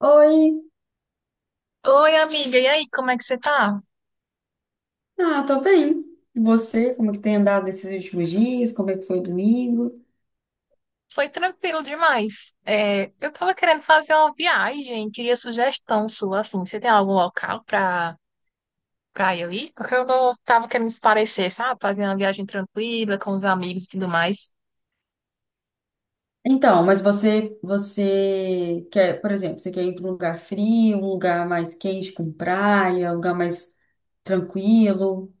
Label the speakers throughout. Speaker 1: Oi,
Speaker 2: Oi, amiga, e aí, como é que você tá?
Speaker 1: ah, tô bem. E você, como que tem andado esses últimos dias? Como é que foi o domingo?
Speaker 2: Foi tranquilo demais. Eu tava querendo fazer uma viagem, queria sugestão sua, assim, você tem algum local pra eu ir? Porque eu não tava querendo esparecer, sabe? Fazer uma viagem tranquila, com os amigos e tudo mais.
Speaker 1: Então, mas você quer, por exemplo, você quer ir para um lugar frio, um lugar mais quente com praia, um lugar mais tranquilo?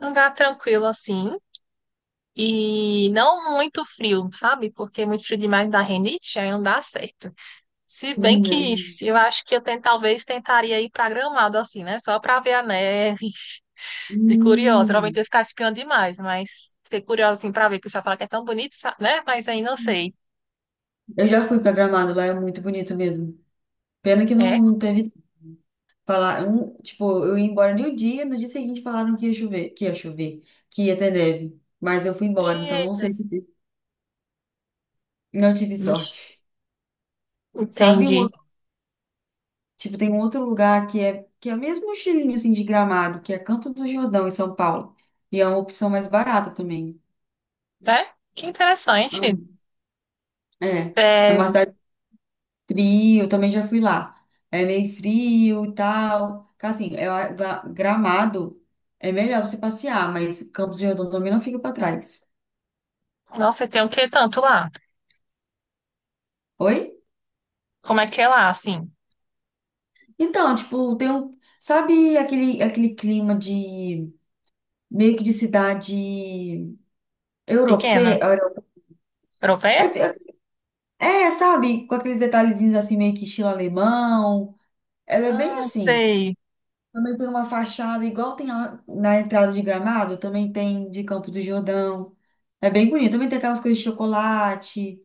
Speaker 2: Um lugar tranquilo, assim, e não muito frio, sabe? Porque é muito frio demais dá renite, aí não dá certo. Se bem que
Speaker 1: Hum,
Speaker 2: eu acho que eu ten- talvez tentaria ir pra Gramado, assim, né? Só pra ver a neve. De curiosa. Geralmente
Speaker 1: hum.
Speaker 2: eu ficava espiando demais, mas fiquei curiosa assim pra ver, porque o pessoal fala que é tão bonito, né? Mas aí não sei.
Speaker 1: Eu já fui pra Gramado, lá é muito bonito mesmo. Pena que não,
Speaker 2: É?
Speaker 1: não teve falar, tipo, eu ia embora no dia, no dia seguinte falaram que ia chover, que ia ter neve, mas eu fui embora, então não
Speaker 2: Eita.
Speaker 1: sei se não tive
Speaker 2: Ixi,
Speaker 1: sorte. Sabe um
Speaker 2: entendi.
Speaker 1: outro, tipo, tem um outro lugar que é mesmo um estilinho assim de Gramado, que é Campo do Jordão em São Paulo. E é uma opção mais barata também.
Speaker 2: É? Que interessante.
Speaker 1: Hum. É, é uma
Speaker 2: É...
Speaker 1: cidade fria, eu também já fui lá. É meio frio e tal. Assim, é, Gramado é melhor você passear, mas Campos do Jordão também não fica pra trás.
Speaker 2: Nossa, tem o que tanto lá?
Speaker 1: Oi?
Speaker 2: Como é que é lá, assim?
Speaker 1: Então, tipo, tem um, sabe aquele clima de meio que de cidade
Speaker 2: Pequena?
Speaker 1: europeia,
Speaker 2: Europeia?
Speaker 1: é, é, sabe, com aqueles detalhezinhos assim, meio que estilo alemão. Ela é bem assim.
Speaker 2: Sei.
Speaker 1: Também tem uma fachada, igual tem na entrada de Gramado, também tem de Campos do Jordão. É bem bonito. Também tem aquelas coisas de chocolate,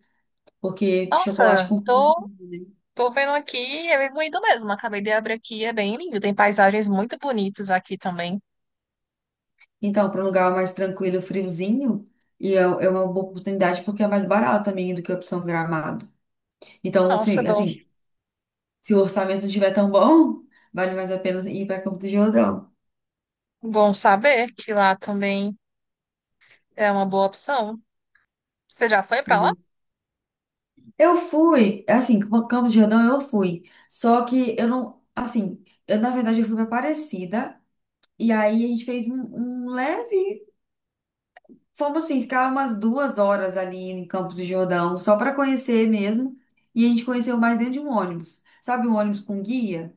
Speaker 1: porque chocolate
Speaker 2: Nossa,
Speaker 1: com frio,
Speaker 2: tô,
Speaker 1: né?
Speaker 2: tô vendo aqui, é bem bonito mesmo. Acabei de abrir aqui, é bem lindo. Tem paisagens muito bonitas aqui também.
Speaker 1: Então, para um lugar mais tranquilo, friozinho, e é, é uma boa oportunidade porque é mais barato também do que a opção Gramado. Então,
Speaker 2: Nossa,
Speaker 1: assim,
Speaker 2: bom,
Speaker 1: assim, se o orçamento não estiver tão bom, vale mais a pena ir para Campos do Jordão.
Speaker 2: bom saber que lá também é uma boa opção. Você já foi pra lá?
Speaker 1: Eu fui, assim, com Campos de Jordão eu fui. Só que eu não, assim, eu na verdade eu fui pra Aparecida. E aí a gente fez um, um leve, fomos assim, ficar umas duas horas ali em Campos do Jordão, só para conhecer mesmo. E a gente conheceu mais dentro de um ônibus. Sabe, um ônibus com guia?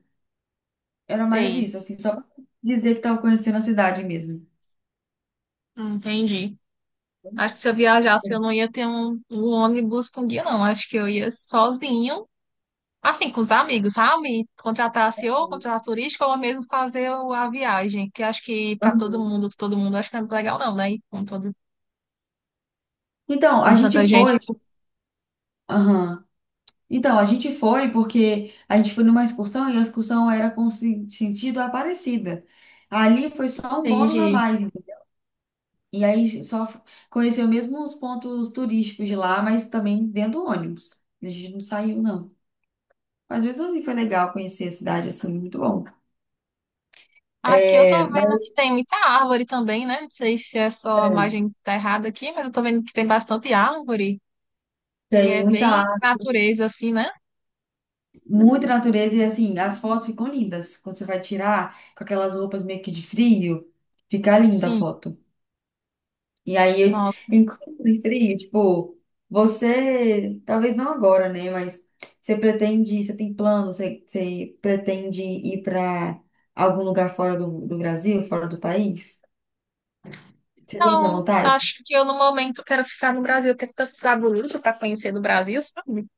Speaker 1: Era mais
Speaker 2: Sei.
Speaker 1: isso, assim, só pra dizer que tava conhecendo a cidade mesmo.
Speaker 2: Entendi. Acho que se eu viajasse, eu não ia ter um ônibus com guia, não. Acho que eu ia sozinho, assim, com os amigos, sabe? Contratasse ou contratasse turístico ou mesmo fazer a viagem, que acho que para
Speaker 1: Uhum.
Speaker 2: todo mundo acho que não é muito legal, não, né? E com todo,
Speaker 1: Então, a
Speaker 2: com
Speaker 1: gente
Speaker 2: tanta gente.
Speaker 1: foi. Aham. Então, a gente foi porque a gente foi numa excursão e a excursão era com sentido Aparecida. Ali foi só um bônus a
Speaker 2: Entendi.
Speaker 1: mais, entendeu? E aí conheceu mesmo os pontos turísticos de lá, mas também dentro do ônibus. A gente não saiu, não. Mas mesmo assim foi legal conhecer a cidade, assim, muito bom.
Speaker 2: Aqui eu
Speaker 1: É,
Speaker 2: tô vendo
Speaker 1: mas
Speaker 2: que tem muita árvore também, né? Não sei se é só a imagem que tá errada aqui, mas eu tô vendo que tem bastante árvore. Ele
Speaker 1: tem
Speaker 2: é
Speaker 1: muita,
Speaker 2: bem
Speaker 1: arte,
Speaker 2: natureza, assim, né?
Speaker 1: muita natureza e assim, as fotos ficam lindas. Quando você vai tirar com aquelas roupas meio que de frio, fica linda a
Speaker 2: Sim.
Speaker 1: foto. E aí, eu,
Speaker 2: Nossa.
Speaker 1: inclusive, frio, tipo, você, talvez não agora, né? Mas você pretende, você tem plano, você, você pretende ir para algum lugar fora do, do Brasil, fora do país? Você tem essa
Speaker 2: Não,
Speaker 1: vontade?
Speaker 2: acho que eu no momento quero ficar no Brasil, quero tanto ficar bonito para conhecer do Brasil, sabe?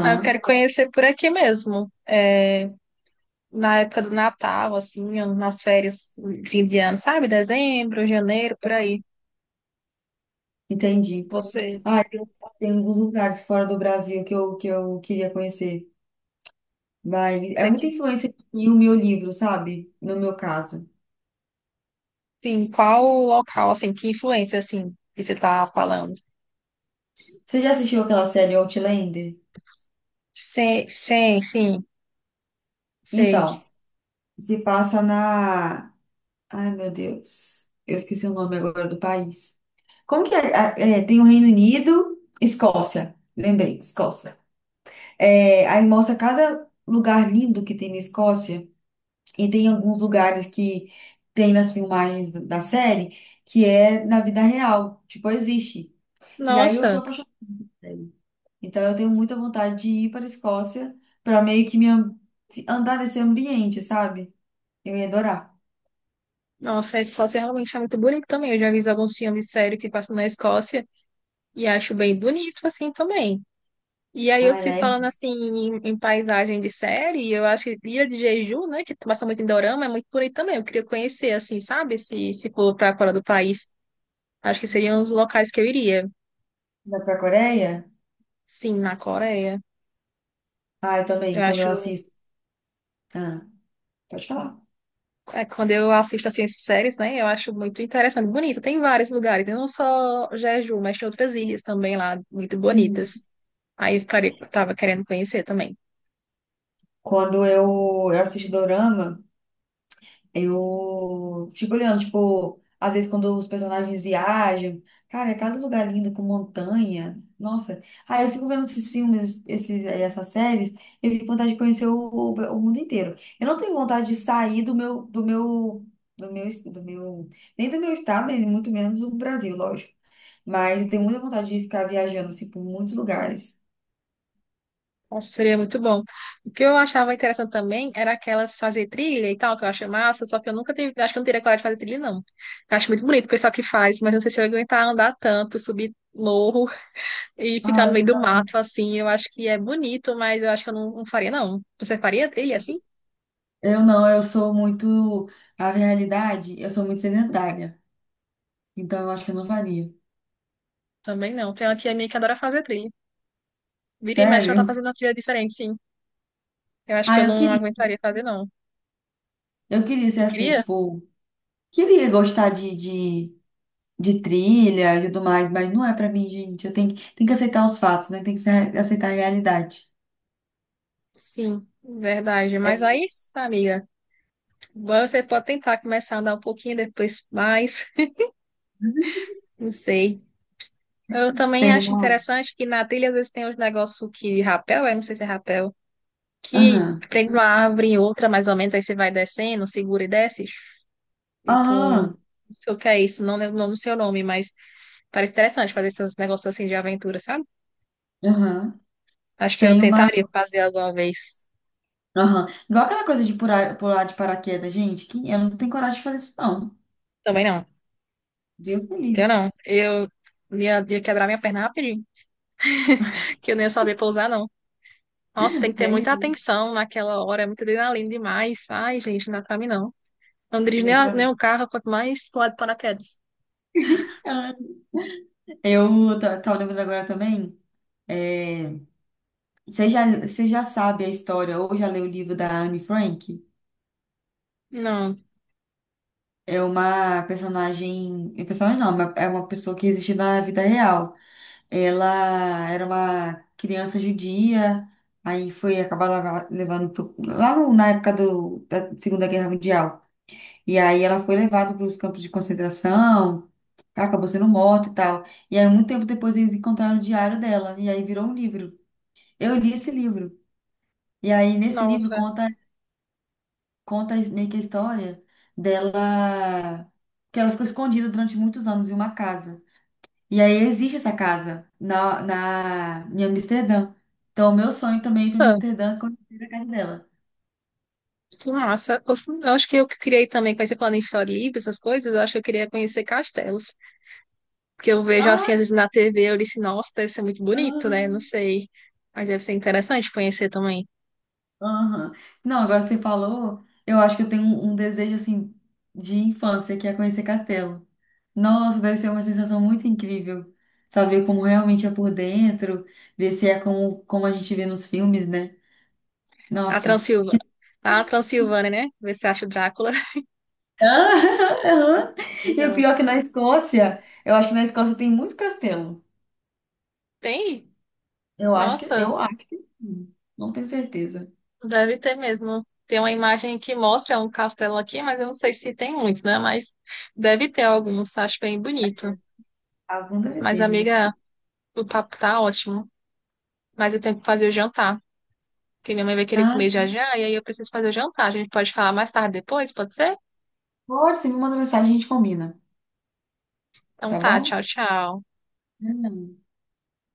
Speaker 2: Mas eu quero conhecer por aqui mesmo. É, na época do Natal, assim, nas férias de fim de ano, sabe? Dezembro, janeiro, por aí.
Speaker 1: entendi.
Speaker 2: Você,
Speaker 1: Ah, tem, tem alguns lugares fora do Brasil que eu queria conhecer. Mas é
Speaker 2: você
Speaker 1: muita
Speaker 2: que,
Speaker 1: influência e o meu livro, sabe? No meu caso.
Speaker 2: sim, qual local, assim, que influência, assim, que você tá falando?
Speaker 1: Você já assistiu aquela série Outlander?
Speaker 2: Sim, sei.
Speaker 1: Então, se passa na ai, meu Deus. Eu esqueci o nome agora do país. Como que é? Ah, é, tem o Reino Unido, Escócia. Lembrei, Escócia. É, aí mostra cada lugar lindo que tem na Escócia. E tem alguns lugares que tem nas filmagens da série que é na vida real. Tipo, existe. E aí eu
Speaker 2: Nossa,
Speaker 1: sou apaixonada por ele. Então eu tenho muita vontade de ir para a Escócia para meio que andar nesse ambiente, sabe? Eu ia adorar.
Speaker 2: nossa, a Escócia realmente é muito bonita também. Eu já vi alguns filmes sérios que passam na Escócia e acho bem bonito, assim, também. E aí, eu
Speaker 1: Ah, ela
Speaker 2: se
Speaker 1: é
Speaker 2: falando assim em paisagem de série, eu acho que Ilha de Jeju, né, que passa muito em dorama, é muito por aí também. Eu queria conhecer, assim, sabe? Se for para fora do país, acho que seriam os locais que eu iria.
Speaker 1: linda para a Coreia?
Speaker 2: Sim, na Coreia.
Speaker 1: Ah, eu também,
Speaker 2: Eu
Speaker 1: quando eu
Speaker 2: acho.
Speaker 1: assisto. Ah, pode falar.
Speaker 2: É, quando eu assisto assim, essas séries, né, eu acho muito interessante, bonito. Tem vários lugares, né, não só Jeju, mas tem outras ilhas também lá, muito
Speaker 1: Uhum.
Speaker 2: bonitas. Aí eu ficaria, tava querendo conhecer também.
Speaker 1: Quando eu, eu assisto dorama, eu fico olhando, tipo, às vezes quando os personagens viajam, cara, é cada lugar lindo com montanha. Nossa. Aí eu fico vendo esses filmes, esses, essas séries, eu fico com vontade de conhecer o mundo inteiro. Eu não tenho vontade de sair do meu, do meu, do meu, es- do meu, nem do meu estado, nem muito menos do Brasil, lógico. Mas eu tenho muita vontade de ficar viajando, assim, por muitos lugares.
Speaker 2: Nossa, seria muito bom. O que eu achava interessante também era aquelas fazer trilha e tal, que eu acho massa, só que eu nunca tive, acho que eu não teria coragem de fazer trilha, não. Eu acho muito bonito o pessoal que faz, mas não sei se eu ia aguentar andar tanto, subir morro e ficar no meio
Speaker 1: Ai,
Speaker 2: do mato, assim. Eu acho que é bonito, mas eu acho que eu não, não faria, não. Você faria trilha assim?
Speaker 1: eu não, eu sou muito. A realidade, eu sou muito sedentária. Então eu acho que eu não faria.
Speaker 2: Também não. Tem uma tia minha que adora fazer trilha. Vira e mexe, ela tá
Speaker 1: Sério?
Speaker 2: fazendo uma trilha diferente, sim. Eu acho que eu
Speaker 1: Ah, eu
Speaker 2: não
Speaker 1: queria.
Speaker 2: aguentaria fazer, não.
Speaker 1: Eu queria ser
Speaker 2: Tu
Speaker 1: assim,
Speaker 2: queria?
Speaker 1: tipo. Queria gostar de trilha e tudo mais, mas não é pra mim, gente. Eu tenho, tenho que aceitar os fatos, né? Tem que aceitar a realidade.
Speaker 2: Sim, verdade. Mas
Speaker 1: É,
Speaker 2: aí, amiga. Você pode tentar começar a andar um pouquinho, depois mais, não sei. Eu também
Speaker 1: tem
Speaker 2: acho
Speaker 1: uma.
Speaker 2: interessante que na trilha às vezes tem uns negócios que rapel, é, não sei se é rapel, que
Speaker 1: Aham.
Speaker 2: prende uma árvore em outra, mais ou menos, aí você vai descendo, segura e desce, tipo,
Speaker 1: Aham.
Speaker 2: não sei o que é isso, não lembro o nome do seu nome, mas parece interessante fazer esses negócios assim de aventura, sabe?
Speaker 1: Aham.
Speaker 2: Acho que eu
Speaker 1: Tem uma.
Speaker 2: tentaria fazer alguma vez.
Speaker 1: Aham. Igual aquela coisa de pular, pular de paraquedas, gente, que eu não tenho coragem de fazer isso, não.
Speaker 2: Também não,
Speaker 1: Deus me
Speaker 2: eu
Speaker 1: livre.
Speaker 2: não. Eu ia quebrar minha perna rapidinho, que eu nem ia saber pousar, não. Nossa, tem que ter muita
Speaker 1: Nem,
Speaker 2: atenção naquela hora, é muita adrenalina demais. Ai, gente, não dá pra mim não. Eu não dirijo nem,
Speaker 1: nem pra
Speaker 2: nem
Speaker 1: mim.
Speaker 2: o carro, quanto mais pular de paraquedas.
Speaker 1: Tava lembrando agora também. É, você já sabe a história ou já leu o livro da Anne Frank?
Speaker 2: Não.
Speaker 1: É uma personagem. É personagem não, é uma pessoa que existe na vida real. Ela era uma criança judia, aí foi acabar levando lá na época do, da Segunda Guerra Mundial. E aí ela foi levada para os campos de concentração, acabou sendo morta e tal. E aí, muito tempo depois, eles encontraram o diário dela, e aí virou um livro. Eu li esse livro. E aí, nesse livro,
Speaker 2: Nossa.
Speaker 1: conta meio que a história dela, que ela ficou escondida durante muitos anos em uma casa. E aí, existe essa casa em Amsterdã. Então, o meu sonho também é ir para
Speaker 2: Nossa,
Speaker 1: Amsterdã e conhecer a casa dela.
Speaker 2: que massa. Eu acho que eu que criei também, conhecer plano de história livre, essas coisas, eu acho que eu queria conhecer castelos. Porque eu vejo
Speaker 1: Ah,
Speaker 2: assim, às vezes na TV, eu disse, nossa, deve ser muito bonito, né? Não
Speaker 1: aham,
Speaker 2: sei. Mas deve ser interessante conhecer também.
Speaker 1: aham. Não, agora você falou, eu acho que eu tenho um, um desejo, assim, de infância, que é conhecer castelo. Nossa, deve ser uma sensação muito incrível. Saber como realmente é por dentro, ver se é como, como a gente vê nos filmes, né?
Speaker 2: A
Speaker 1: Nossa.
Speaker 2: Transilva, a Transilvânia, né? Ver se acha o Drácula.
Speaker 1: Ah, aham. E o
Speaker 2: Legal.
Speaker 1: pior é que na Escócia, eu acho que na Escócia tem muito castelo.
Speaker 2: Tem? Nossa,
Speaker 1: Eu acho que sim. Não tenho certeza.
Speaker 2: deve ter mesmo. Tem uma imagem que mostra um castelo aqui, mas eu não sei se tem muitos, né? Mas deve ter alguns, acho bem bonito.
Speaker 1: Algum deve
Speaker 2: Mas,
Speaker 1: ter, não é
Speaker 2: amiga,
Speaker 1: possível.
Speaker 2: o papo tá ótimo. Mas eu tenho que fazer o jantar, porque minha mãe vai querer
Speaker 1: Ah,
Speaker 2: comer já
Speaker 1: sim.
Speaker 2: já, e aí eu preciso fazer o jantar. A gente pode falar mais tarde depois, pode ser?
Speaker 1: Pode, você me manda mensagem, a gente combina,
Speaker 2: Então
Speaker 1: tá
Speaker 2: tá, tchau,
Speaker 1: bom?
Speaker 2: tchau.
Speaker 1: Não, não.